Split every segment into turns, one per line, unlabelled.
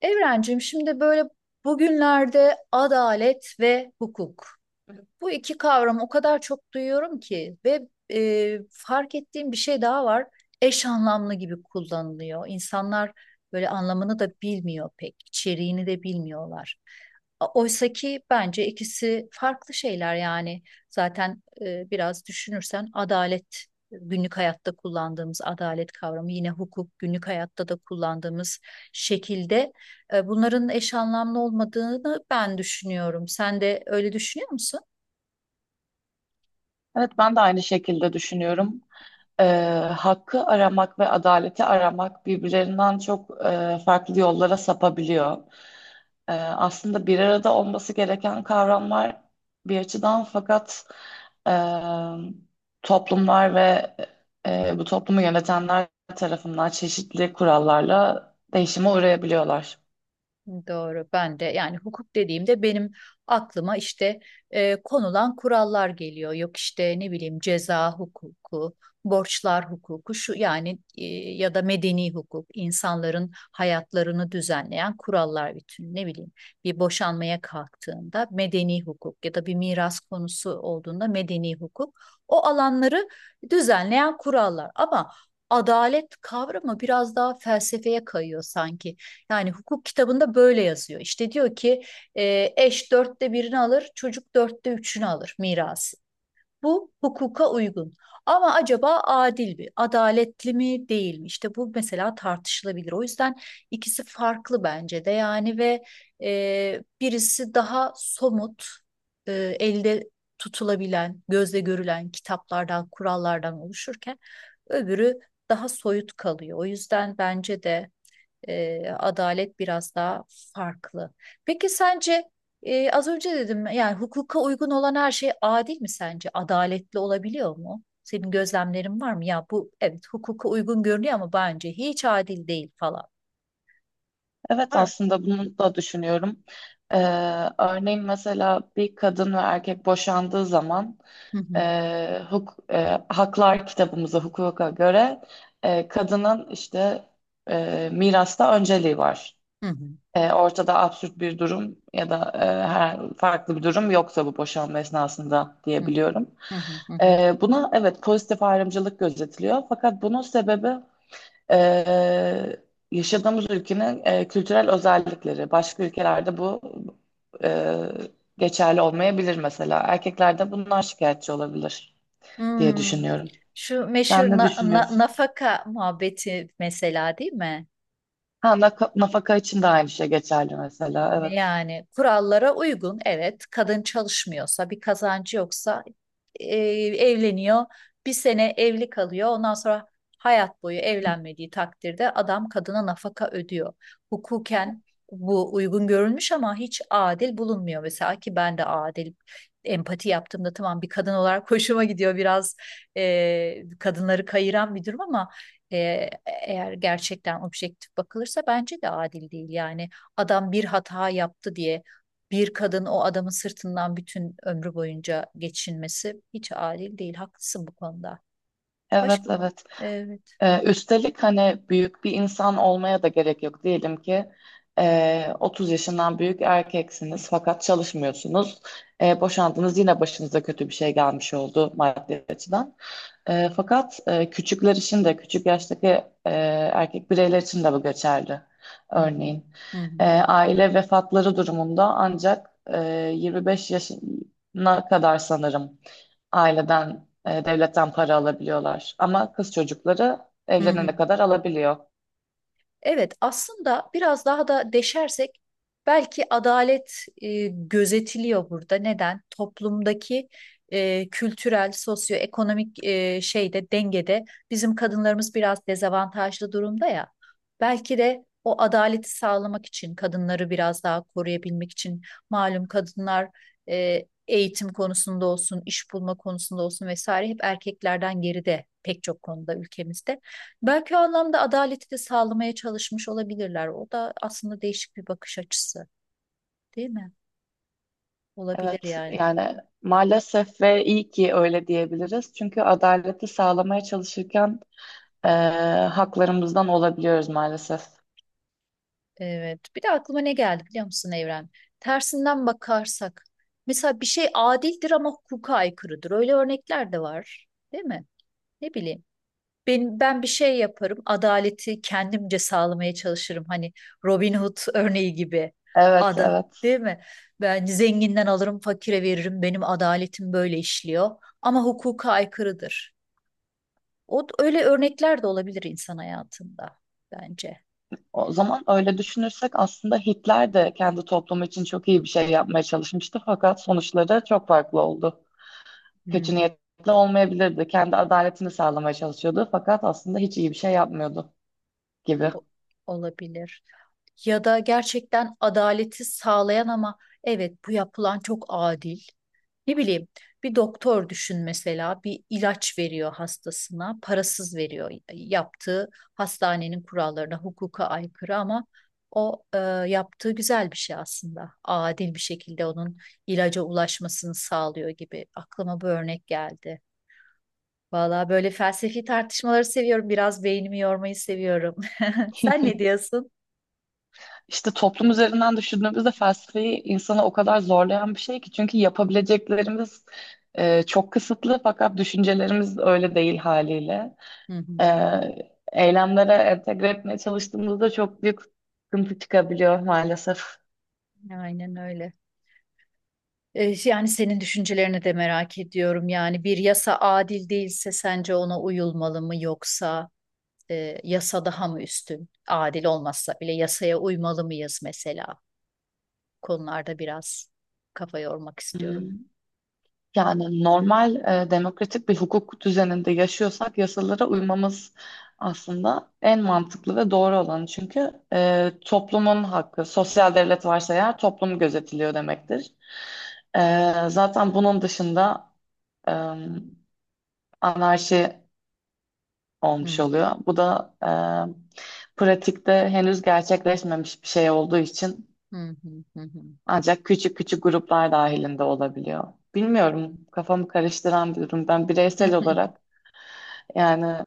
Evrencim şimdi böyle bugünlerde adalet ve hukuk. Bu iki kavramı o kadar çok duyuyorum ki ve fark ettiğim bir şey daha var. Eş anlamlı gibi kullanılıyor. İnsanlar böyle anlamını da bilmiyor pek, içeriğini de bilmiyorlar. Oysa ki bence ikisi farklı şeyler yani. Zaten biraz düşünürsen adalet günlük hayatta kullandığımız adalet kavramı yine hukuk günlük hayatta da kullandığımız şekilde bunların eş anlamlı olmadığını ben düşünüyorum. Sen de öyle düşünüyor musun?
Evet, ben de aynı şekilde düşünüyorum. Ee, hakkı aramak ve adaleti aramak birbirlerinden çok farklı yollara sapabiliyor. Aslında bir arada olması gereken kavramlar bir açıdan fakat e, toplumlar ve bu toplumu yönetenler tarafından çeşitli kurallarla değişime uğrayabiliyorlar.
Doğru. Ben de yani hukuk dediğimde benim aklıma işte konulan kurallar geliyor. Yok işte ne bileyim ceza hukuku, borçlar hukuku şu yani, ya da medeni hukuk, insanların hayatlarını düzenleyen kurallar bütün. Ne bileyim bir boşanmaya kalktığında medeni hukuk ya da bir miras konusu olduğunda medeni hukuk. O alanları düzenleyen kurallar. Ama adalet kavramı biraz daha felsefeye kayıyor sanki. Yani hukuk kitabında böyle yazıyor. İşte diyor ki eş dörtte birini alır, çocuk dörtte üçünü alır mirası. Bu hukuka uygun. Ama acaba adil mi, adaletli mi, değil mi? İşte bu mesela tartışılabilir. O yüzden ikisi farklı bence de yani ve birisi daha somut, e, elde tutulabilen, gözle görülen kitaplardan, kurallardan oluşurken öbürü daha soyut kalıyor. O yüzden bence de adalet biraz daha farklı. Peki sence az önce dedim yani hukuka uygun olan her şey adil mi sence? Adaletli olabiliyor mu? Senin gözlemlerin var mı? Ya bu evet hukuka uygun görünüyor ama bence hiç adil değil falan.
Evet,
Var mı?
aslında bunu da düşünüyorum. Ee, örneğin mesela bir kadın ve erkek boşandığı zaman
Hı hı.
e, huk, e, haklar kitabımıza, hukuka göre kadının işte mirasta önceliği var.
Hı hı.
E, ortada absürt bir durum ya da her farklı bir durum yoksa bu boşanma esnasında
Hı
diyebiliyorum.
hı. Hı hı.
Buna evet pozitif ayrımcılık gözetiliyor fakat bunun sebebi e, yaşadığımız ülkenin kültürel özellikleri. Başka ülkelerde bu e, geçerli olmayabilir mesela. Erkeklerde bundan şikayetçi olabilir diye
Hmm.
düşünüyorum.
Şu meşhur
Sen ne düşünüyorsun?
nafaka muhabbeti mesela değil mi?
Ha, naka- nafaka için de aynı şey geçerli mesela. Evet.
Yani kurallara uygun evet kadın çalışmıyorsa bir kazancı yoksa evleniyor bir sene evli kalıyor ondan sonra hayat boyu
Hı.
evlenmediği takdirde adam kadına nafaka ödüyor. Hukuken bu uygun görülmüş ama hiç adil bulunmuyor mesela ki ben de adil empati yaptığımda tamam bir kadın olarak hoşuma gidiyor biraz kadınları kayıran bir durum ama e, eğer gerçekten objektif bakılırsa bence de adil değil yani adam bir hata yaptı diye bir kadın o adamın sırtından bütün ömrü boyunca geçinmesi hiç adil değil. Haklısın bu konuda.
Evet,
Başka?
evet.
Evet.
Üstelik hani büyük bir insan olmaya da gerek yok. Diyelim ki 30 yaşından büyük erkeksiniz fakat çalışmıyorsunuz. E, boşandınız yine başınıza kötü bir şey gelmiş oldu maddi açıdan. Fakat küçükler için de küçük yaştaki erkek bireyler için de bu geçerli.
Hı hı.
Örneğin
Hı hı.
aile vefatları durumunda ancak 25 yaşına kadar sanırım aileden, devletten para alabiliyorlar. Ama kız çocukları
Hı hı.
evlenene kadar alabiliyor.
Evet, aslında biraz daha da deşersek belki adalet gözetiliyor burada. Neden? Toplumdaki kültürel, sosyoekonomik şeyde dengede bizim kadınlarımız biraz dezavantajlı durumda ya. Belki de o adaleti sağlamak için kadınları biraz daha koruyabilmek için malum kadınlar eğitim konusunda olsun, iş bulma konusunda olsun vesaire hep erkeklerden geride pek çok konuda ülkemizde. Belki o anlamda adaleti de sağlamaya çalışmış olabilirler. O da aslında değişik bir bakış açısı, değil mi? Olabilir
Evet,
yani.
yani maalesef ve iyi ki öyle diyebiliriz. Çünkü adaleti sağlamaya çalışırken eee, haklarımızdan olabiliyoruz maalesef.
Evet. Bir de aklıma ne geldi biliyor musun Evren? Tersinden bakarsak. Mesela bir şey adildir ama hukuka aykırıdır. Öyle örnekler de var, değil mi? Ne bileyim. Benim, ben bir şey yaparım. Adaleti kendimce sağlamaya çalışırım. Hani Robin Hood örneği gibi.
Evet,
Ada,
evet.
değil mi? Ben zenginden alırım, fakire veririm. Benim adaletim böyle işliyor. Ama hukuka aykırıdır. O öyle örnekler de olabilir insan hayatında bence.
O zaman öyle düşünürsek aslında Hitler de kendi toplumu için çok iyi bir şey yapmaya çalışmıştı. Fakat sonuçları çok farklı oldu.
Hı
Kötü
hı.
niyetli olmayabilirdi. Kendi adaletini sağlamaya çalışıyordu. Fakat aslında hiç iyi bir şey yapmıyordu gibi.
O- olabilir. Ya da gerçekten adaleti sağlayan ama evet bu yapılan çok adil. Ne bileyim bir doktor düşün mesela bir ilaç veriyor hastasına parasız veriyor yaptığı hastanenin kurallarına hukuka aykırı ama o yaptığı güzel bir şey aslında adil bir şekilde onun ilaca ulaşmasını sağlıyor gibi aklıma bu örnek geldi. Valla böyle felsefi tartışmaları seviyorum biraz beynimi yormayı seviyorum. Sen ne diyorsun?
İşte toplum üzerinden düşündüğümüzde felsefeyi insanı o kadar zorlayan bir şey ki çünkü yapabileceklerimiz çok kısıtlı fakat düşüncelerimiz öyle değil haliyle.
Hı
E,
hı.
eylemlere entegre etmeye çalıştığımızda çok büyük sıkıntı çıkabiliyor maalesef.
Aynen öyle. Yani senin düşüncelerini de merak ediyorum. Yani bir yasa adil değilse sence ona uyulmalı mı yoksa yasa daha mı üstün? Adil olmazsa bile yasaya uymalı mıyız mesela? Konularda biraz kafa yormak istiyorum.
Hmm. Yani normal demokratik bir hukuk düzeninde yaşıyorsak yasalara uymamız aslında en mantıklı ve doğru olanı. Çünkü toplumun hakkı, sosyal devlet varsa eğer toplum gözetiliyor demektir. Zaten bunun dışında e, anarşi olmuş
Hı,
oluyor. Bu da pratikte henüz gerçekleşmemiş bir şey olduğu için
hı, hı, hı,
ancak küçük küçük gruplar dahilinde olabiliyor. Bilmiyorum, kafamı karıştıran bir durum. Ben
hı.
bireysel olarak yani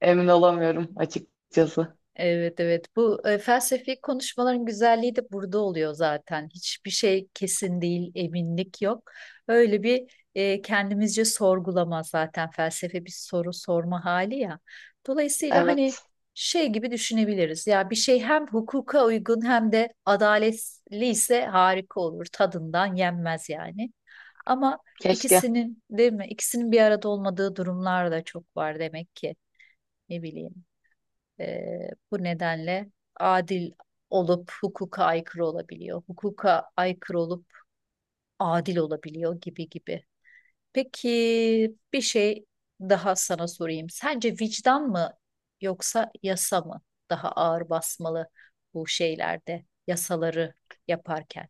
emin olamıyorum açıkçası.
Evet evet bu felsefi konuşmaların güzelliği de burada oluyor zaten. Hiçbir şey kesin değil, eminlik yok. Öyle bir kendimizce sorgulama zaten felsefe bir soru sorma hali ya. Dolayısıyla hani
Evet,
şey gibi düşünebiliriz. Ya bir şey hem hukuka uygun hem de adaletli ise harika olur. Tadından yenmez yani. Ama
keşke.
ikisinin değil mi? İkisinin bir arada olmadığı durumlar da çok var demek ki. Ne bileyim. Bu nedenle adil olup hukuka aykırı olabiliyor. Hukuka aykırı olup adil olabiliyor gibi gibi. Peki bir şey daha sana sorayım. Sence vicdan mı yoksa yasa mı daha ağır basmalı bu şeylerde yasaları yaparken?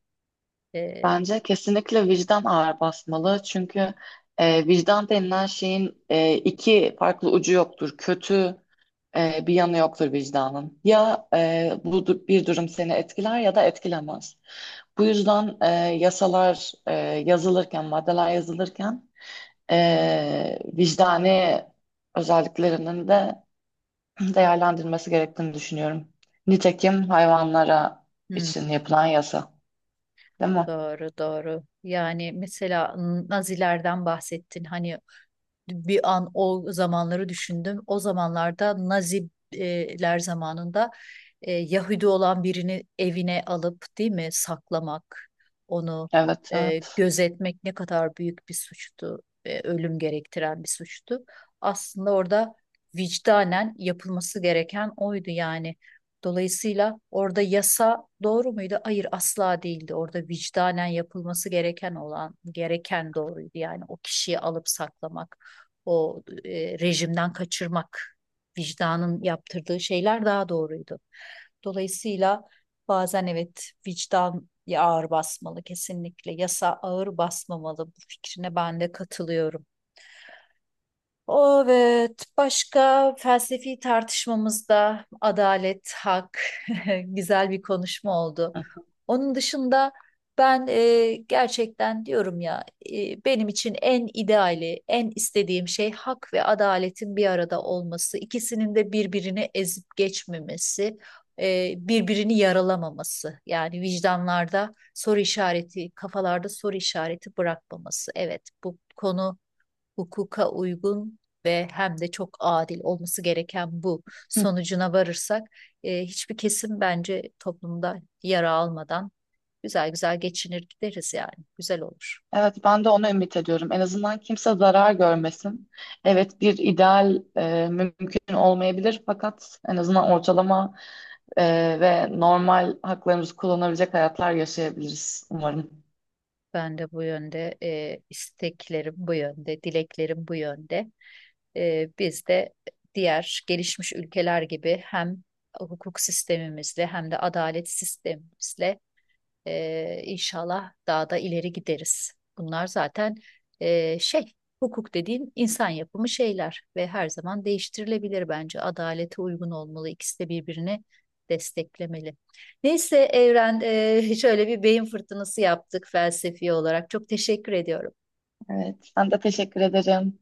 Eee,
Bence kesinlikle vicdan ağır basmalı. Çünkü vicdan denilen şeyin iki farklı ucu yoktur. Kötü bir yanı yoktur vicdanın. Ya bir durum seni etkiler ya da etkilemez. Bu yüzden yasalar yazılırken, maddeler yazılırken vicdani özelliklerinin de değerlendirilmesi gerektiğini düşünüyorum. Nitekim hayvanlara
hmm,
için yapılan yasa, değil mi?
doğru doğru. Yani mesela Nazilerden bahsettin. Hani bir an o zamanları düşündüm. O zamanlarda Naziler zamanında Yahudi olan birini evine alıp değil mi saklamak, onu
Evet, evet.
gözetmek ne kadar büyük bir suçtu, ölüm gerektiren bir suçtu. Aslında orada vicdanen yapılması gereken oydu yani. Dolayısıyla orada yasa doğru muydu? Hayır asla değildi. Orada vicdanen yapılması gereken olan gereken doğruydu. Yani o kişiyi alıp saklamak o rejimden kaçırmak, vicdanın yaptırdığı şeyler daha doğruydu. Dolayısıyla bazen evet vicdan ağır basmalı kesinlikle. Yasa ağır basmamalı. Bu fikrine ben de katılıyorum. Evet, başka felsefi tartışmamızda adalet, hak, güzel bir konuşma oldu.
Hı.
Onun dışında ben gerçekten diyorum ya, benim için en ideali, en istediğim şey hak ve adaletin bir arada olması, ikisinin de birbirini ezip geçmemesi, birbirini yaralamaması. Yani vicdanlarda soru işareti, kafalarda soru işareti bırakmaması. Evet, bu konu hukuka uygun ve hem de çok adil olması gereken bu
Hı.
sonucuna varırsak hiçbir kesim bence toplumda yara almadan güzel güzel geçinir gideriz yani. Güzel olur.
Evet, ben de onu ümit ediyorum. En azından kimse zarar görmesin. Evet, bir ideal mümkün olmayabilir fakat en azından ortalama ve normal haklarımızı kullanabilecek hayatlar yaşayabiliriz umarım.
Ben de bu yönde isteklerim bu yönde, dileklerim bu yönde. Biz de diğer gelişmiş ülkeler gibi hem hukuk sistemimizle hem de adalet sistemimizle inşallah daha da ileri gideriz. Bunlar zaten e, şey, hukuk dediğin insan yapımı şeyler ve her zaman değiştirilebilir bence. Adalete uygun olmalı. İkisi de birbirini desteklemeli. Neyse Evren, şöyle bir beyin fırtınası yaptık felsefi olarak. Çok teşekkür ediyorum.
Evet, ben de teşekkür ederim.